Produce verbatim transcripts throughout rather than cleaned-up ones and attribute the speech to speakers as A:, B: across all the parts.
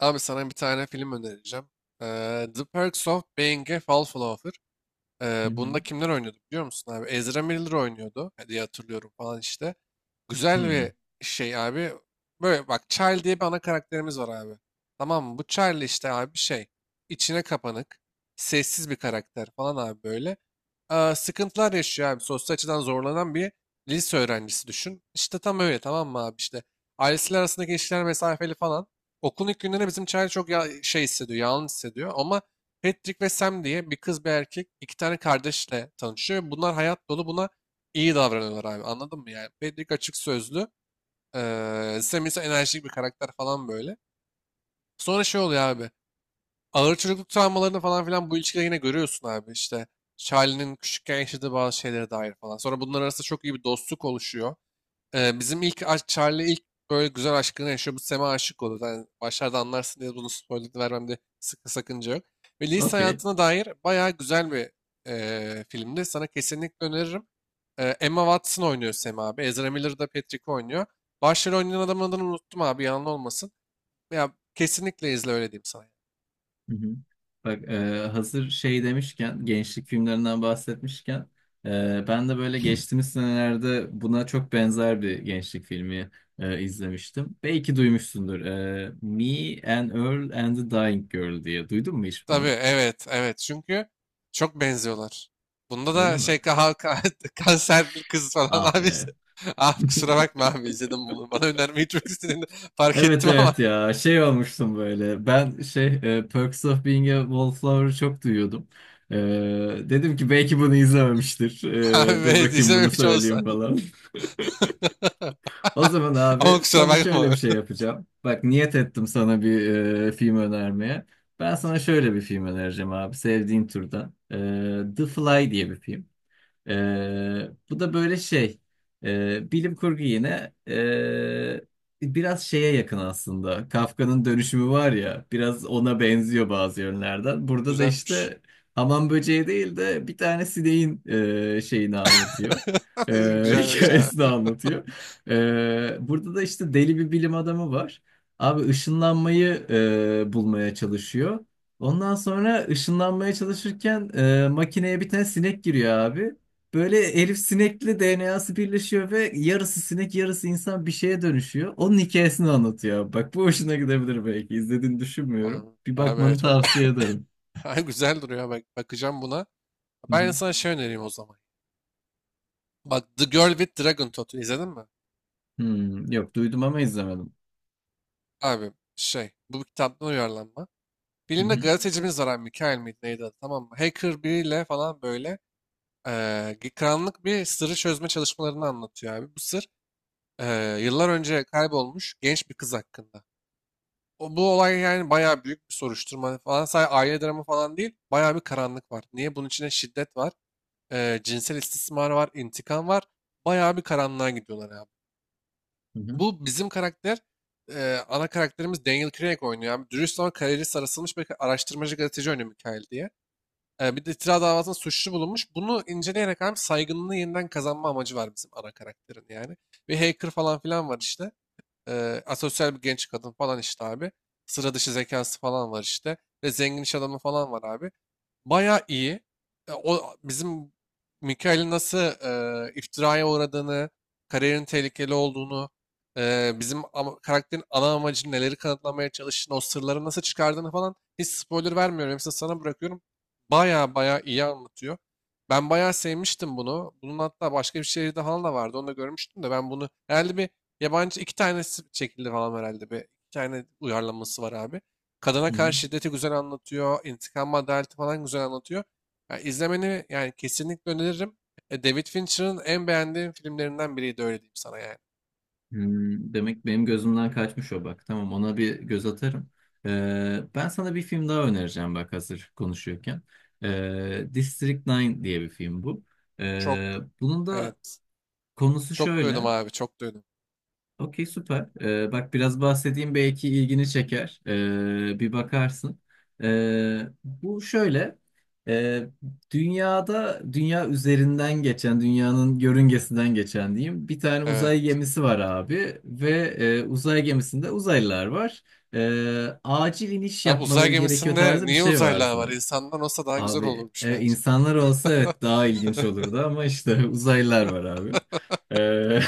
A: Abi sana bir tane film önereceğim. Ee, The Perks of Being a Wallflower.
B: Hı
A: Ee,
B: hı.
A: bunda kimler oynuyordu biliyor musun abi? Ezra Miller oynuyordu e, diye hatırlıyorum falan işte. Güzel
B: Hı.
A: bir şey abi. Böyle bak, Charlie diye bir ana karakterimiz var abi. Tamam mı? Bu Charlie işte abi şey. İçine kapanık. Sessiz bir karakter falan abi böyle. Ee, sıkıntılar yaşıyor abi. Sosyal açıdan zorlanan bir lise öğrencisi düşün. İşte tam öyle, tamam mı abi işte. Ailesiyle arasındaki ilişkiler mesafeli falan. Okulun ilk günlerinde bizim Charlie çok ya şey hissediyor. Yalnız hissediyor. Ama Patrick ve Sam diye bir kız bir erkek iki tane kardeşle tanışıyor ve bunlar hayat dolu, buna iyi davranıyorlar abi, anladın mı yani? Patrick açık sözlü. eee Sam ise enerjik bir karakter falan böyle. Sonra şey oluyor abi. Ağır çocukluk travmalarını falan filan bu ilişkide yine görüyorsun abi işte. Charlie'nin küçükken yaşadığı bazı şeylere dair falan. Sonra bunlar arasında çok iyi bir dostluk oluşuyor. Ee, bizim ilk aşk- Charlie ilk böyle güzel aşkını yaşıyor. Bu Sam'e aşık oluyor. Yani başlarda anlarsın diye bunu spoiler vermemde sıkı sakınca yok. Ve lise
B: Okey.
A: hayatına dair bayağı güzel bir e, filmdi. Sana kesinlikle öneririm. Ee, Emma Watson oynuyor Sam abi. Ezra Miller da Patrick oynuyor. Başrol oynayan adamın adını unuttum abi, yalan olmasın. Ya kesinlikle izle, öyle diyeyim sana. Yani.
B: Hı hı. Bak e, hazır şey demişken gençlik filmlerinden bahsetmişken e, ben de böyle geçtiğimiz senelerde buna çok benzer bir gençlik filmi e, izlemiştim. Belki duymuşsundur. E, Me and Earl and the Dying Girl diye. Duydun mu hiç
A: Tabii,
B: bunu?
A: evet, evet, çünkü çok benziyorlar. Bunda
B: Öyle
A: da
B: mi?
A: şey ka ka- kanserli kız falan
B: Ah
A: abi.
B: be.
A: İşte. Ah, kusura bakma abi, izledim bunu. Bana önermeyi çok istediğini fark
B: Evet,
A: ettim ama
B: evet ya şey olmuştum böyle ben şey e, Perks of Being a Wallflower'ı çok duyuyordum. E, Dedim ki belki bunu izlememiştir.
A: abi
B: E, dur
A: evet,
B: bakayım bunu
A: izlememiş olsan.
B: söyleyeyim falan. O zaman
A: Ama
B: abi
A: kusura
B: sana şöyle bir
A: bakma.
B: şey yapacağım. Bak niyet ettim sana bir e, film önermeye. Ben sana şöyle bir film önereceğim abi sevdiğin türden. E, The Fly diye bir film. Ee, bu da böyle şey ee, bilim kurgu yine ee, biraz şeye yakın aslında. Kafka'nın dönüşümü var ya biraz ona benziyor bazı yönlerden. Burada da
A: Güzelmiş.
B: işte hamam böceği değil de bir tane sineğin ee, şeyini anlatıyor. Ee,
A: Güzelmiş
B: hikayesini
A: abi.
B: anlatıyor. Ee, burada da işte deli bir bilim adamı var. Abi ışınlanmayı ee, bulmaya çalışıyor. Ondan sonra ışınlanmaya çalışırken e, makineye bir tane sinek giriyor abi. Böyle Elif sinekli D N A'sı birleşiyor ve yarısı sinek yarısı insan bir şeye dönüşüyor. Onun hikayesini anlatıyor. Bak bu hoşuna gidebilir belki. İzlediğini düşünmüyorum.
A: Abi,
B: Bir
A: abi
B: bakmanı
A: evet.
B: tavsiye ederim.
A: Ay, güzel duruyor, bak, bakacağım buna.
B: Hı
A: Ben
B: hı.
A: sana şey önereyim o zaman. Bak, The Girl with Dragon Tattoo izledin mi?
B: Hmm, yok, duydum ama izlemedim.
A: Abi şey, bu bir kitaptan uyarlanma.
B: Hı
A: Filmde
B: hı.
A: gazetecimiz var abi. Mikael miydi, neydi adı, tamam mı? Hacker biriyle falan böyle eee karanlık bir sırrı çözme çalışmalarını anlatıyor abi. Bu sır eee, yıllar önce kaybolmuş genç bir kız hakkında. O, bu olay yani bayağı büyük bir soruşturma falan. Sadece aile dramı falan değil. Bayağı bir karanlık var. Niye? Bunun içinde şiddet var. Eee, cinsel istismar var. İntikam var. Bayağı bir karanlığa gidiyorlar abi.
B: Hı hı.
A: Bu bizim karakter, eee, ana karakterimiz, Daniel Craig oynuyor abi. Dürüst ama kariyeri sarasılmış bir araştırmacı gazeteci oynuyor, Mikael diye. Ee, bir de itiraz davasında suçlu bulunmuş. Bunu inceleyerek abi saygınlığını yeniden kazanma amacı var bizim ana karakterin yani. Bir hacker falan filan var işte. Ee, asosyal bir genç kadın falan işte abi. Sıra dışı zekası falan var işte. Ve zengin iş adamı falan var abi. Bayağı iyi. E, o bizim Mikael'in nasıl e, iftiraya uğradığını, kariyerin tehlikeli olduğunu, e, bizim ama- karakterin ana amacını, neleri kanıtlamaya çalıştığını, o sırları nasıl çıkardığını falan, hiç spoiler vermiyorum. Hepsini sana bırakıyorum. Bayağı bayağı iyi anlatıyor. Ben bayağı sevmiştim bunu. Bunun hatta başka bir şehirde falan da vardı. Onu da görmüştüm de, ben bunu herhalde bir yabancı, iki tanesi çekildi falan herhalde. Bir iki tane uyarlaması var abi. Kadına
B: Hı hı.
A: karşı şiddeti güzel anlatıyor. İntikam ve adaleti falan güzel anlatıyor. Yani izlemeni yani kesinlikle öneririm. E, David Fincher'ın en beğendiğim filmlerinden biriydi, öyle diyeyim sana yani.
B: Hmm, demek benim gözümden kaçmış o bak. Tamam, ona bir göz atarım. Ee, ben sana bir film daha önereceğim bak hazır konuşuyorken. Ee, District dokuz diye bir film bu.
A: Çok
B: Ee, bunun da
A: evet.
B: konusu
A: Çok duydum
B: şöyle.
A: abi, çok duydum.
B: Okey, süper. Ee, bak biraz bahsedeyim belki ilgini çeker. Ee, bir bakarsın. Ee, bu şöyle. Ee, Dünyada dünya üzerinden geçen, dünyanın yörüngesinden geçen diyeyim. Bir tane uzay
A: Evet.
B: gemisi var abi ve e, uzay gemisinde uzaylılar var. Ee, acil iniş
A: Abi, uzay
B: yapmaları gerekiyor
A: gemisinde
B: tarzı bir
A: niye
B: şey var.
A: uzaylılar var? İnsandan olsa daha güzel
B: Abi
A: olurmuş
B: e,
A: bence.
B: insanlar olsa evet daha ilginç olurdu ama işte uzaylılar var abi. Ee,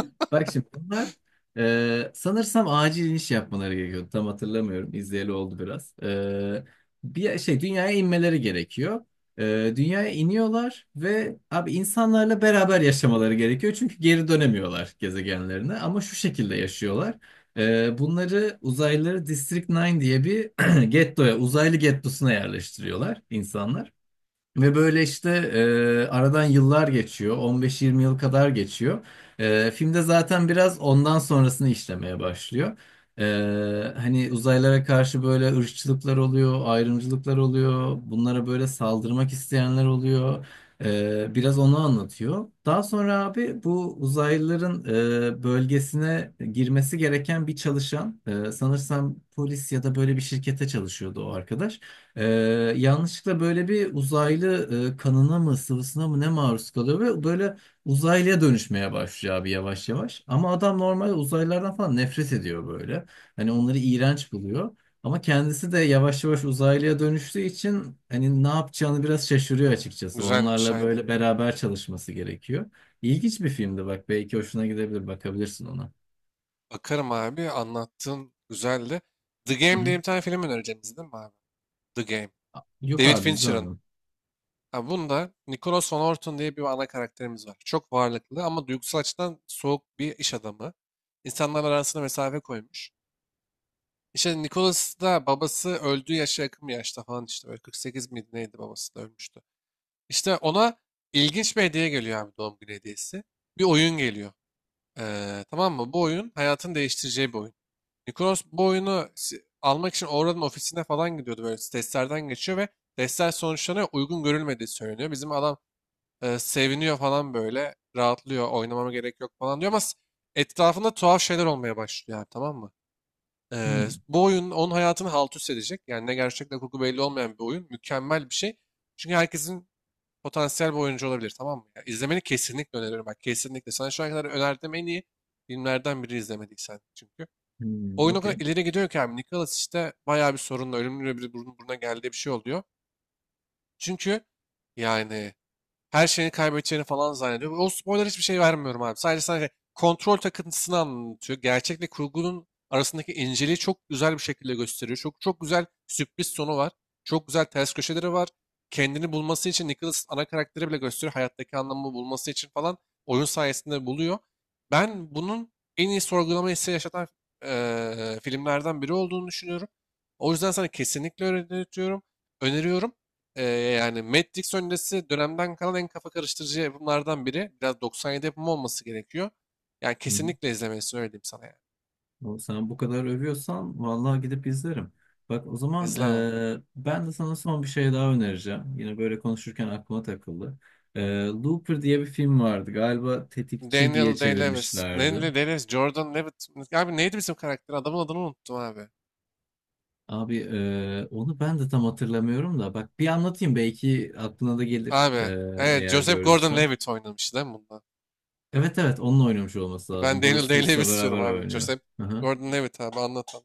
B: Bak şimdi bunlar e, sanırsam acil iniş yapmaları gerekiyordu. Tam hatırlamıyorum. İzleyeli oldu biraz. Ee, bir şey dünyaya inmeleri gerekiyor. Ee, dünyaya iniyorlar ve abi insanlarla beraber yaşamaları gerekiyor. Çünkü geri dönemiyorlar gezegenlerine ama şu şekilde yaşıyorlar. Ee, bunları uzaylıları District dokuz diye bir gettoya, uzaylı gettosuna yerleştiriyorlar insanlar. Ve böyle işte e, aradan yıllar geçiyor. on beş yirmi yıl kadar geçiyor. E, filmde zaten biraz ondan sonrasını işlemeye başlıyor. E, hani uzaylara karşı böyle ırkçılıklar oluyor, ayrımcılıklar oluyor. Bunlara böyle saldırmak isteyenler oluyor. E, biraz onu anlatıyor. Daha sonra abi bu uzaylıların e, bölgesine girmesi gereken bir çalışan, e, sanırsam polis ya da böyle bir şirkete çalışıyordu o arkadaş. Ee, Yanlışlıkla böyle bir uzaylı e, kanına mı sıvısına mı ne maruz kalıyor ve böyle uzaylıya dönüşmeye başlıyor abi yavaş yavaş. Ama adam normal uzaylılardan falan nefret ediyor böyle. Hani onları iğrenç buluyor. Ama kendisi de yavaş yavaş uzaylıya dönüştüğü için hani ne yapacağını biraz şaşırıyor açıkçası.
A: Güzelmiş,
B: Onlarla
A: aynen.
B: böyle beraber çalışması gerekiyor. İlginç bir filmdi bak belki hoşuna gidebilir bakabilirsin ona.
A: Bakarım abi, anlattığın güzeldi. The
B: Hı
A: Game
B: hı.
A: diye bir tane film önereceğim, izledin mi abi? The Game.
B: Yok
A: David
B: abi
A: Fincher'ın.
B: izlemedim.
A: Ha, bunda Nicholas Van Orton diye bir ana karakterimiz var. Çok varlıklı ama duygusal açıdan soğuk bir iş adamı. İnsanlar arasına mesafe koymuş. İşte Nicholas da babası öldüğü yaşa yakın bir yaşta falan işte böyle kırk sekiz miydi neydi, babası da ölmüştü. İşte ona ilginç bir hediye geliyor abi, doğum günü hediyesi. Bir oyun geliyor. Ee, tamam mı? Bu oyun hayatını değiştireceği bir oyun. Nicholas bu oyunu si- almak için Oral'ın ofisine falan gidiyordu, böyle testlerden geçiyor ve testler sonuçlarına uygun görülmediği söyleniyor. Bizim adam e, seviniyor falan böyle. Rahatlıyor. Oynamama gerek yok falan diyor ama s- etrafında tuhaf şeyler olmaya başlıyor abi, tamam mı?
B: Hı.
A: E, bu oyun onun hayatını halt üst edecek. Yani ne gerçek ne kurgu belli olmayan bir oyun. Mükemmel bir şey. Çünkü herkesin potansiyel bir oyuncu olabilir, tamam mı? Ya, izlemeni kesinlikle öneriyorum. Bak kesinlikle. Sana şu ana kadar önerdiğim en iyi filmlerden biri, izlemediysen çünkü.
B: Hı,
A: Oyun o kadar
B: okey.
A: ileri gidiyor ki abi. Nicholas işte bayağı bir sorunla, ölümlü bir burun buruna geldiği bir şey oluyor. Çünkü yani her şeyini kaybedeceğini falan zannediyor. O spoiler hiçbir şey vermiyorum abi. Sadece sadece kontrol takıntısını anlatıyor. Gerçekle kurgunun arasındaki inceliği çok güzel bir şekilde gösteriyor. Çok çok güzel sürpriz sonu var. Çok güzel ters köşeleri var. Kendini bulması için Nicholas ana karakteri bile gösteriyor. Hayattaki anlamı bulması için falan oyun sayesinde buluyor. Ben bunun en iyi sorgulama hissi yaşatan eee, filmlerden biri olduğunu düşünüyorum. O yüzden sana kesinlikle öneriyorum. Öneriyorum. Ee, yani Matt Dix öncesi dönemden kalan en kafa karıştırıcı yapımlardan biri. Biraz doksan yedi yapımı olması gerekiyor. Yani
B: Hı.
A: kesinlikle izlemelisin, öyle diyeyim sana yani.
B: O, sen bu kadar övüyorsan vallahi gidip izlerim. Bak o zaman
A: İzle abi.
B: e, ben de sana son bir şey daha önereceğim. Yine böyle konuşurken aklıma takıldı. E, Looper diye bir film vardı. Galiba Tetikçi
A: Daniel
B: diye
A: Day-Lewis.
B: çevirmişlerdi.
A: Daniel Day-Lewis, Jordan Levitt. Abi neydi bizim karakter? Adamın adını unuttum abi.
B: Abi e, onu ben de tam hatırlamıyorum da. Bak bir anlatayım belki aklına da gelir e,
A: Abi. Evet,
B: eğer
A: Joseph
B: gördüysen.
A: Gordon-Levitt oynamıştı değil mi bunda?
B: Evet, evet onunla oynamış olması
A: Ben
B: lazım. Bruce
A: Daniel
B: Willis'le
A: Day-Lewis diyorum
B: beraber
A: abi.
B: oynuyor.
A: Joseph Gordon-Levitt abi, anlat anlat.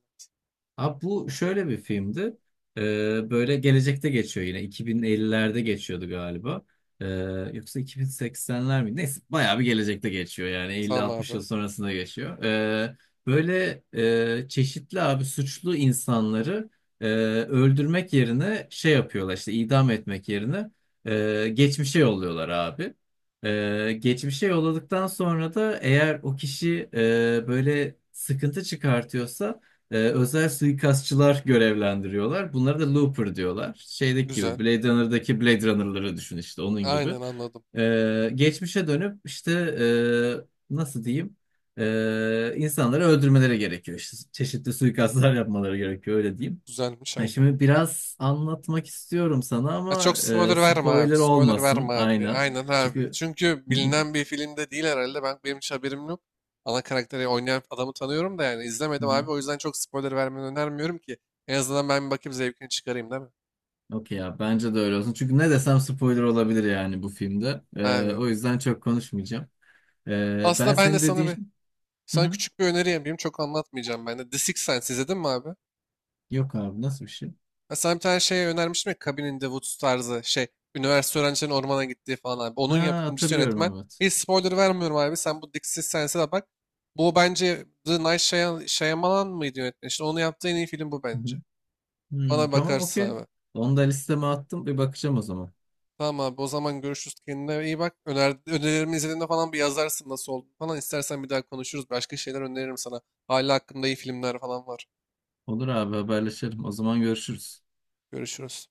B: Abi bu şöyle bir filmdi. Ee, böyle gelecekte geçiyor yine. iki bin ellilerde geçiyordu galiba. Ee, Yoksa iki bin seksenler mi? Neyse bayağı bir gelecekte geçiyor yani.
A: Tamam
B: elli altmış yıl
A: abi.
B: sonrasında geçiyor. Ee, böyle e, çeşitli abi suçlu insanları e, öldürmek yerine şey yapıyorlar işte idam etmek yerine e, geçmişe yolluyorlar abi. Ee, geçmişe yolladıktan sonra da eğer o kişi e, böyle sıkıntı çıkartıyorsa ee, özel suikastçılar görevlendiriyorlar. Bunlara da Looper diyorlar. Şeydeki
A: Güzel.
B: gibi Blade Runner'daki Blade Runner'ları düşün işte onun gibi.
A: Aynen, anladım.
B: Ee, geçmişe dönüp işte e, nasıl diyeyim. Ee, insanları öldürmeleri gerekiyor. İşte çeşitli suikastlar yapmaları gerekiyor öyle diyeyim.
A: Güzelmiş,
B: Ha,
A: aynen.
B: şimdi biraz anlatmak istiyorum sana
A: Ya
B: ama
A: çok
B: e,
A: spoiler verme abi.
B: spoiler
A: Spoiler
B: olmasın
A: verme abi.
B: aynen.
A: Aynen abi.
B: Çünkü.
A: Çünkü
B: Hı
A: bilinen bir filmde değil herhalde. Ben, benim hiç haberim yok. Ana karakteri oynayan adamı tanıyorum da yani izlemedim
B: hı.
A: abi. O yüzden çok spoiler vermeni önermiyorum ki. En azından ben bir bakayım, zevkini çıkarayım değil mi?
B: Okey ya bence de öyle olsun. Çünkü ne desem spoiler olabilir yani bu filmde. Ee,
A: Abi.
B: o yüzden çok konuşmayacağım. Ee, ben
A: Aslında ben de
B: senin
A: sana bir
B: dediğin... Hı
A: sana
B: hı.
A: küçük bir öneri yapayım. Çok anlatmayacağım ben de. The Sixth Sense izledin mi abi?
B: Yok abi nasıl bir şey?
A: Ben sana bir tane şey önermiştim ya, Cabin in the Woods tarzı şey. Üniversite öğrencilerin ormana gittiği falan abi. Onun
B: Ha,
A: yapımcısı
B: hatırlıyorum
A: yönetmen.
B: evet.
A: Hiç spoiler vermiyorum abi. Sen bu Dixie Sense'e de bak. Bu bence The Night Shyam- Shyamalan mıydı yönetmen? İşte onu yaptığı en iyi film bu
B: Hı hı.
A: bence.
B: Hmm,
A: Bana
B: tamam,
A: bakarsın
B: okey.
A: abi.
B: Onu da listeme attım. Bir bakacağım o zaman.
A: Tamam abi, o zaman görüşürüz. Kendine iyi bak. Öner önerilerimi izlediğinde falan bir yazarsın, nasıl oldu falan. İstersen bir daha konuşuruz. Başka şeyler öneririm sana. Hala hakkında iyi filmler falan var.
B: Olur abi haberleşelim. O zaman görüşürüz.
A: Görüşürüz.